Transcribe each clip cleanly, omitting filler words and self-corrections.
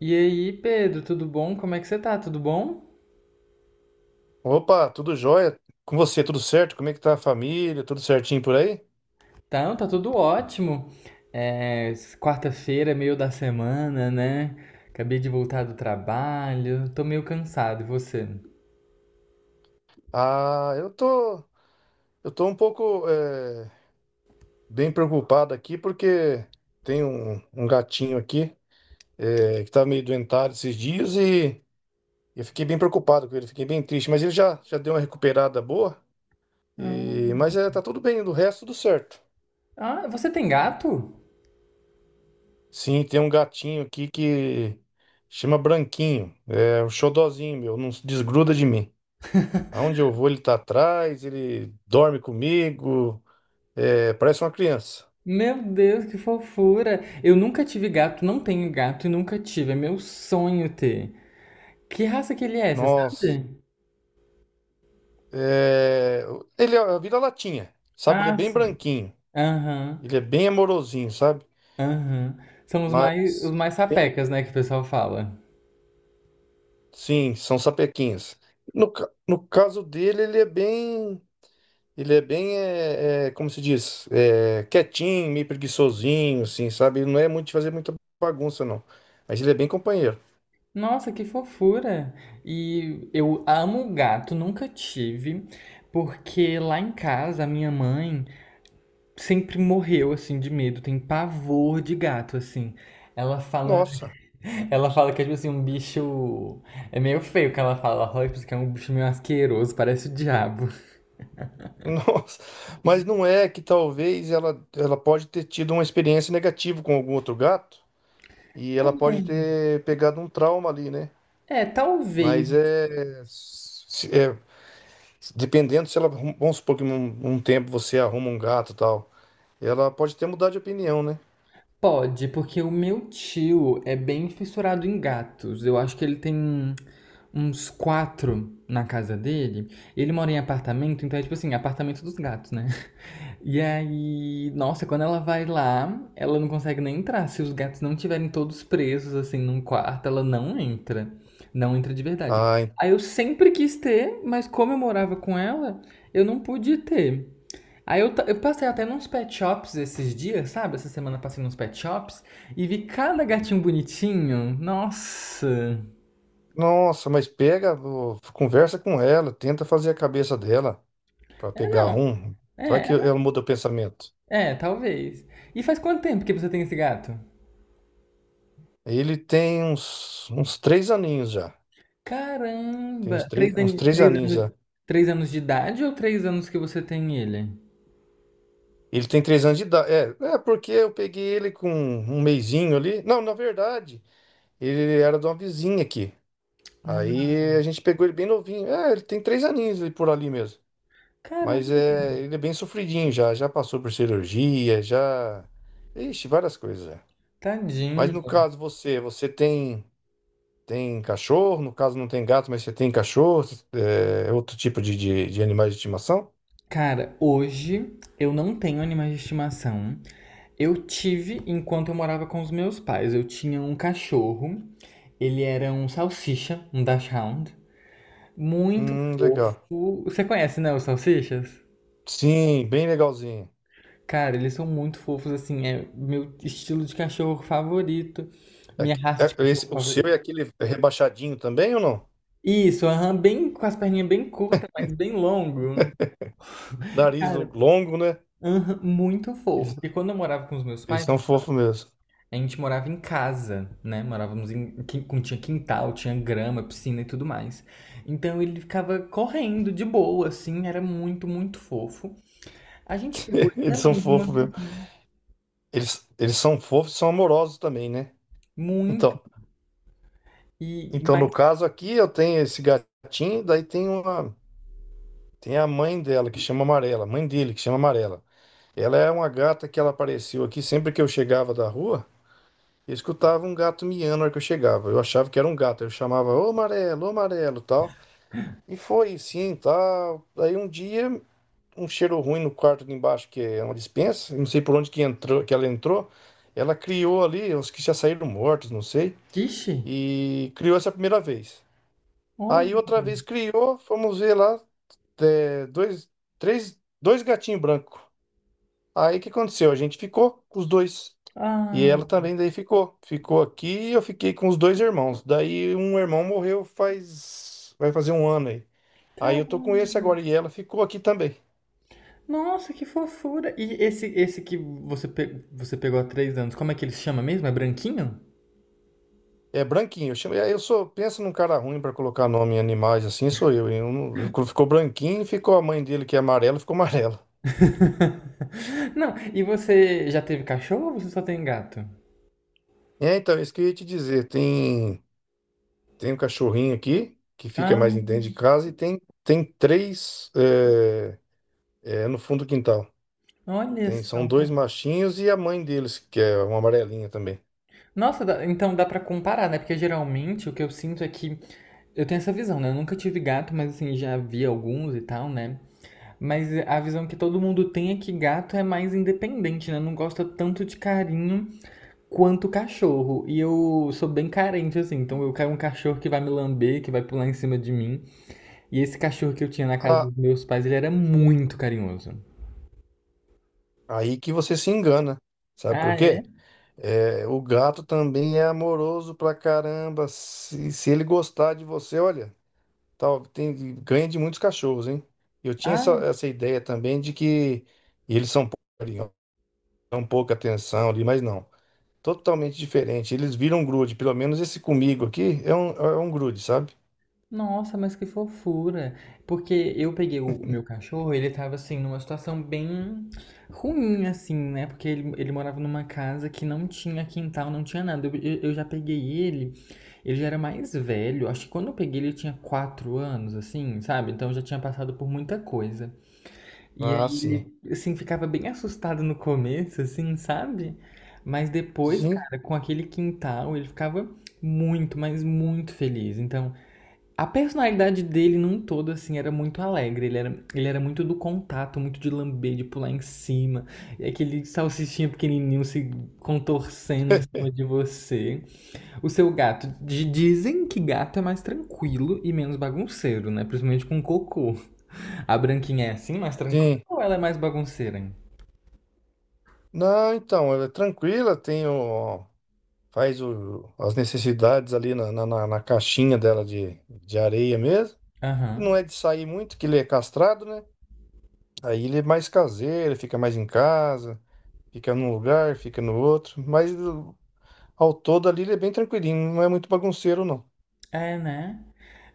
E aí, Pedro, tudo bom? Como é que você tá? Tudo bom? Opa, tudo jóia? Com você, tudo certo? Como é que tá a família? Tudo certinho por aí? Então, tá tudo ótimo. É, Quarta-feira, meio da semana, né? Acabei de voltar do trabalho, tô meio cansado. E você? Ah, eu tô um pouco bem preocupado aqui porque tem um gatinho aqui que tá meio doentado esses dias e eu fiquei bem preocupado com ele, fiquei bem triste, mas ele já, já deu uma recuperada boa, e, Ah, mas tá tudo bem, do resto tudo certo. Ah, você tem gato? Sim, tem um gatinho aqui que chama Branquinho, é um xodozinho meu, não se desgruda de mim. Aonde eu vou, ele tá atrás, ele dorme comigo, é, parece uma criança. Meu Deus, que fofura! Eu nunca tive gato, não tenho gato e nunca tive. É meu sonho ter. Que raça que ele é, você Nossa. sabe? É, vira latinha, sabe? Ele é Ah, bem sim. branquinho, Aham, ele é bem amorosinho, sabe? aham. São os mais, os Mas mais tem, sapecas, né, que o pessoal fala. sim, são sapequinhos. No caso dele, ele é bem, como se diz, quietinho, meio preguiçosinho, assim, sabe? Ele não é muito de fazer muita bagunça, não. Mas ele é bem companheiro. Nossa, que fofura! E eu amo gato, nunca tive, porque lá em casa a minha mãe sempre morreu assim de medo, tem pavor de gato assim. Ela fala, Nossa. ela fala que é tipo assim, um bicho é meio feio, que ela fala: "Ai, porque é um bicho meio asqueroso, parece o diabo." Nossa, mas não é que talvez ela pode ter tido uma experiência negativa com algum outro gato e ela pode ter pegado um trauma ali, né? É, talvez. Mas dependendo se ela, arrum- vamos supor que um tempo você arruma um gato e tal, ela pode ter mudado de opinião, né? Pode, porque o meu tio é bem fissurado em gatos. Eu acho que ele tem uns quatro na casa dele. Ele mora em apartamento, então é tipo assim, apartamento dos gatos, né? E aí, nossa, quando ela vai lá, ela não consegue nem entrar. Se os gatos não tiverem todos presos, assim, num quarto, ela não entra. Não entra de verdade. Ai, Aí eu sempre quis ter, mas como eu morava com ela, eu não pude ter. Aí eu passei até nos pet shops esses dias, sabe? Essa semana passei nos pet shops e vi cada gatinho bonitinho. Nossa! nossa, mas pega, ô, conversa com ela, tenta fazer a cabeça dela pra É, pegar não. um, vai É, que ela- ela muda o pensamento. é, talvez. E faz quanto tempo que você tem esse gato? Ele tem uns 3 aninhos já. Tem Caramba! Uns três três aninhos anos, já. 3 anos de idade ou 3 anos que você tem ele? Ele tem 3 anos de idade. É, é porque eu peguei ele com um mesinho ali. Não, na verdade, ele era de uma vizinha aqui. Ah, Aí a gente pegou ele bem novinho. É, ele tem 3 aninhos ali por ali mesmo. Mas caramba, é, ele é bem sofridinho já. Já passou por cirurgia, já. Ixi, várias coisas já. Mas tadinho. no caso você, você tem tem cachorro? No caso não tem gato, mas você tem cachorro? É, outro tipo de, de animais de estimação? Cara, hoje eu não tenho animais de estimação. Eu tive enquanto eu morava com os meus pais. Eu tinha um cachorro. Ele era um salsicha, um dachshund, muito Legal. fofo. Você conhece, né, os salsichas? Sim, bem legalzinho. Cara, eles são muito fofos, assim, é meu estilo de cachorro favorito, É, minha que- raça é- de cachorro o seu favorita. é aquele rebaixadinho também ou não? Isso, aham, bem com as perninhas bem curtas, mas bem longo. Nariz Cara, longo, né? aham, muito fofo. Eles, Porque quando eu morava com os meus eles pais, são fofos mesmo. a gente morava em casa, né? Morávamos em. Quin- com- Tinha quintal, tinha grama, piscina e tudo mais. Então ele ficava correndo de boa, assim, era muito, muito fofo. A gente pegou ele Eles são também de uma fofos mesmo. vizinha. Eles são fofos e são amorosos também, né? Muito. Então, E, então, mas, no caso aqui, eu tenho esse gatinho, daí tem uma, tem a mãe dela, que chama Amarela, a mãe dele, que chama Amarela. Ela é uma gata que ela apareceu aqui, sempre que eu chegava da rua, eu escutava um gato miando na hora que eu chegava. Eu achava que era um gato, eu chamava, ô Amarelo, tal. E foi sim, tal. Aí um dia um cheiro ruim no quarto de embaixo, que é uma despensa. Eu não sei por onde que entrou, que ela entrou. Ela criou ali, os que já saíram mortos, não sei, ixi, e criou essa primeira vez. olha. Aí outra vez criou, fomos ver lá, é, dois, três, dois gatinhos brancos. Aí o que aconteceu? A gente ficou com os dois. E Ah, ela também daí ficou. Ficou aqui e eu fiquei com os dois irmãos. Daí um irmão morreu faz... vai fazer um ano aí. Aí cara, eu tô com esse agora e ela ficou aqui também. nossa, que fofura. E esse que você, você pegou há 3 anos, como é que ele se chama mesmo? É branquinho? É branquinho. Eu chamo- eu sou, pensa num cara ruim pra colocar nome em animais, assim sou eu, hein? Eu não- ficou branquinho, ficou a mãe dele que é amarela, ficou amarela. Não, e você já teve cachorro ou você só tem gato? É, então, isso que eu ia te dizer. Tem um cachorrinho aqui que fica mais Ah, dentro de casa e tem, tem três é, é, no fundo do quintal. olha Tem, são só. dois machinhos e a mãe deles, que é uma amarelinha também. Nossa, dá- então dá pra comparar, né? Porque geralmente o que eu sinto é que eu tenho essa visão, né? Eu nunca tive gato, mas assim, já vi alguns e tal, né? Mas a visão que todo mundo tem é que gato é mais independente, né? Não gosta tanto de carinho quanto cachorro. E eu sou bem carente, assim. Então eu quero um cachorro que vai me lamber, que vai pular em cima de mim. E esse cachorro que eu tinha na casa Ah, dos meus pais, ele era muito carinhoso. aí que você se engana. Sabe Ah, por quê? é? É, o gato também é amoroso pra caramba. Se ele gostar de você, olha. Tal, tem, ganha de muitos cachorros, hein? Eu tinha essa, Ah, essa ideia também de que eles são poucos, dão pouca atenção ali, mas não. Totalmente diferente. Eles viram um grude. Pelo menos esse comigo aqui é um, grude, sabe? nossa, mas que fofura! Porque eu peguei o meu cachorro, ele tava assim, numa situação bem ruim, assim, né? Porque ele morava numa casa que não tinha quintal, não tinha nada. Eu já peguei ele, ele já era mais velho, acho que quando eu peguei ele tinha 4 anos, assim, sabe? Então já tinha passado por muita coisa. E Ah, aí sim. ele, assim, ficava bem assustado no começo, assim, sabe? Mas depois, Sim, cara, com aquele quintal, ele ficava muito, mas muito feliz. Então. A personalidade dele num todo, assim, era muito alegre. Ele era muito do contato, muito de lamber, de pular em cima. E aquele salsichinha pequenininho se contorcendo em cima de você. O seu gato. Dizem que gato é mais tranquilo e menos bagunceiro, né? Principalmente com cocô. A branquinha é assim, mais tranquila sim. ou ela é mais bagunceira, hein? Não, então, ela é tranquila, tem o, faz o, as necessidades ali na, na, na caixinha dela de areia mesmo. E não Aham. é de sair muito, que ele é castrado, né? Aí ele é mais caseiro, fica mais em casa. Fica num lugar, fica no outro. Ao todo ali ele é bem tranquilinho, não é muito bagunceiro, não. É, né?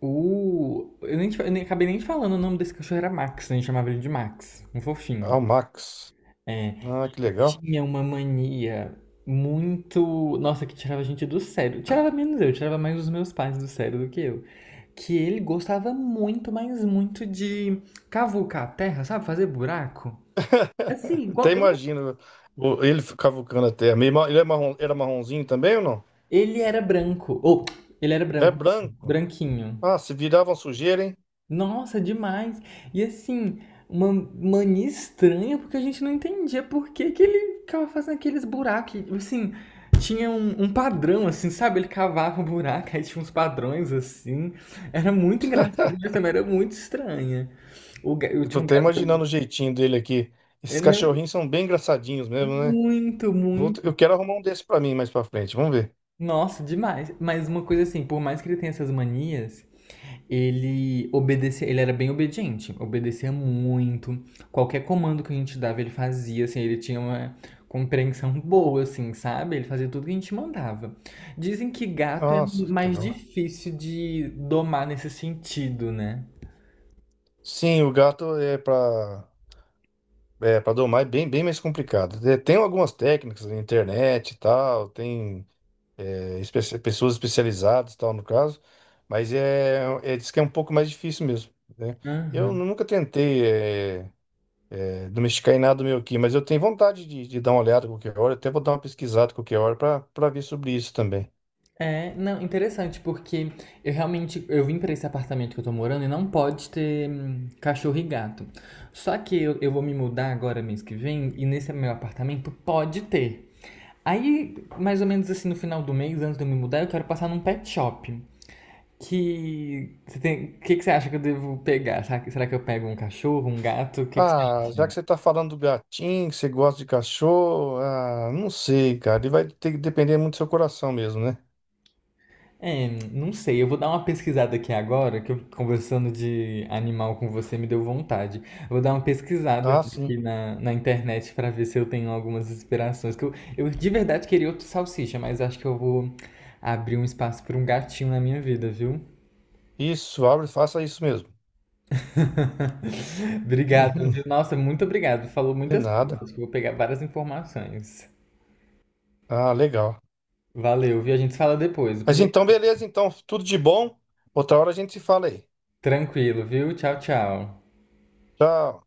O... Eu nem, eu nem acabei nem falando, o nome desse cachorro era Max, né? A gente chamava ele de Max, um Ah, fofinho. o Max. É, e Ah, que ele legal. tinha uma mania muito. Nossa, que tirava a gente do sério. Tirava menos eu, tirava mais os meus pais do sério do que eu. Que ele gostava muito, mas muito de cavucar a terra, sabe? Fazer buraco. Assim, Até igual. Eu não... imagino ele cavucando a terra. Meio ma- Ele é marrom, era marronzinho também ou não? Ele era branco. Ou, ele era É branco. Assim, branco. branquinho. Ah, se virava uma sujeira, hein? Nossa, demais. E assim, uma mania estranha, porque a gente não entendia por que que ele ficava fazendo aqueles buracos. Assim, tinha um padrão, assim, sabe? Ele cavava o buraco, aí tinha uns padrões, assim. Era muito engraçado, mas também era muito estranha. Eu Eu tô tinha um até gato... imaginando o jeitinho dele aqui. é, Esses não, cachorrinhos são bem engraçadinhos mesmo, né? muito, Vou t- muito. eu quero arrumar um desse pra mim mais pra frente. Vamos ver. Nossa, demais. Mas uma coisa assim, por mais que ele tenha essas manias, ele obedecia, ele era bem obediente, obedecia muito. Qualquer comando que a gente dava, ele fazia, assim, ele tinha uma compreensão boa, assim, sabe? Ele fazia tudo que a gente mandava. Dizem que gato é Nossa, que mais legal. difícil de domar nesse sentido, né? Sim, o gato é pra. É, para domar é bem, bem mais complicado. Tem algumas técnicas na internet e tal, tem pessoas especializadas e tal no caso, mas é, é, diz que é um pouco mais difícil mesmo, né? Eu Aham. nunca tentei domesticar em nada meu aqui, mas eu tenho vontade de dar uma olhada qualquer hora, até vou dar uma pesquisada qualquer hora para ver sobre isso também. É, não, interessante, porque eu realmente, eu vim pra esse apartamento que eu tô morando e não pode ter cachorro e gato. Só que eu vou me mudar agora mês que vem e nesse meu apartamento pode ter. Aí, mais ou menos assim, no final do mês, antes de eu me mudar, eu quero passar num pet shop. Que. Você tem... que você acha que eu devo pegar? Será que eu pego um cachorro, um gato? O que, que você Ah, já acha? que você tá falando do gatinho, que você gosta de cachorro, ah, não sei, cara, ele vai ter que depender muito do seu coração mesmo, né? É, não sei. Eu vou dar uma pesquisada aqui agora, que eu conversando de animal com você me deu vontade. Eu vou dar uma pesquisada Ah, sim. aqui na internet pra ver se eu tenho algumas inspirações. Que eu de verdade queria outro salsicha, mas acho que eu vou abrir um espaço pra um gatinho na minha vida, viu? Isso, abre, faça isso mesmo. Obrigado, Uhum, viu? Nossa, muito obrigado. Falou de muitas coisas. nada. Acho que eu vou pegar várias informações. Ah, legal. Valeu, viu? A gente se fala depois. Depois Mas eu... então, beleza, então, tudo de bom. Outra hora a gente se fala aí. Tranquilo, viu? Tchau, tchau. Tchau.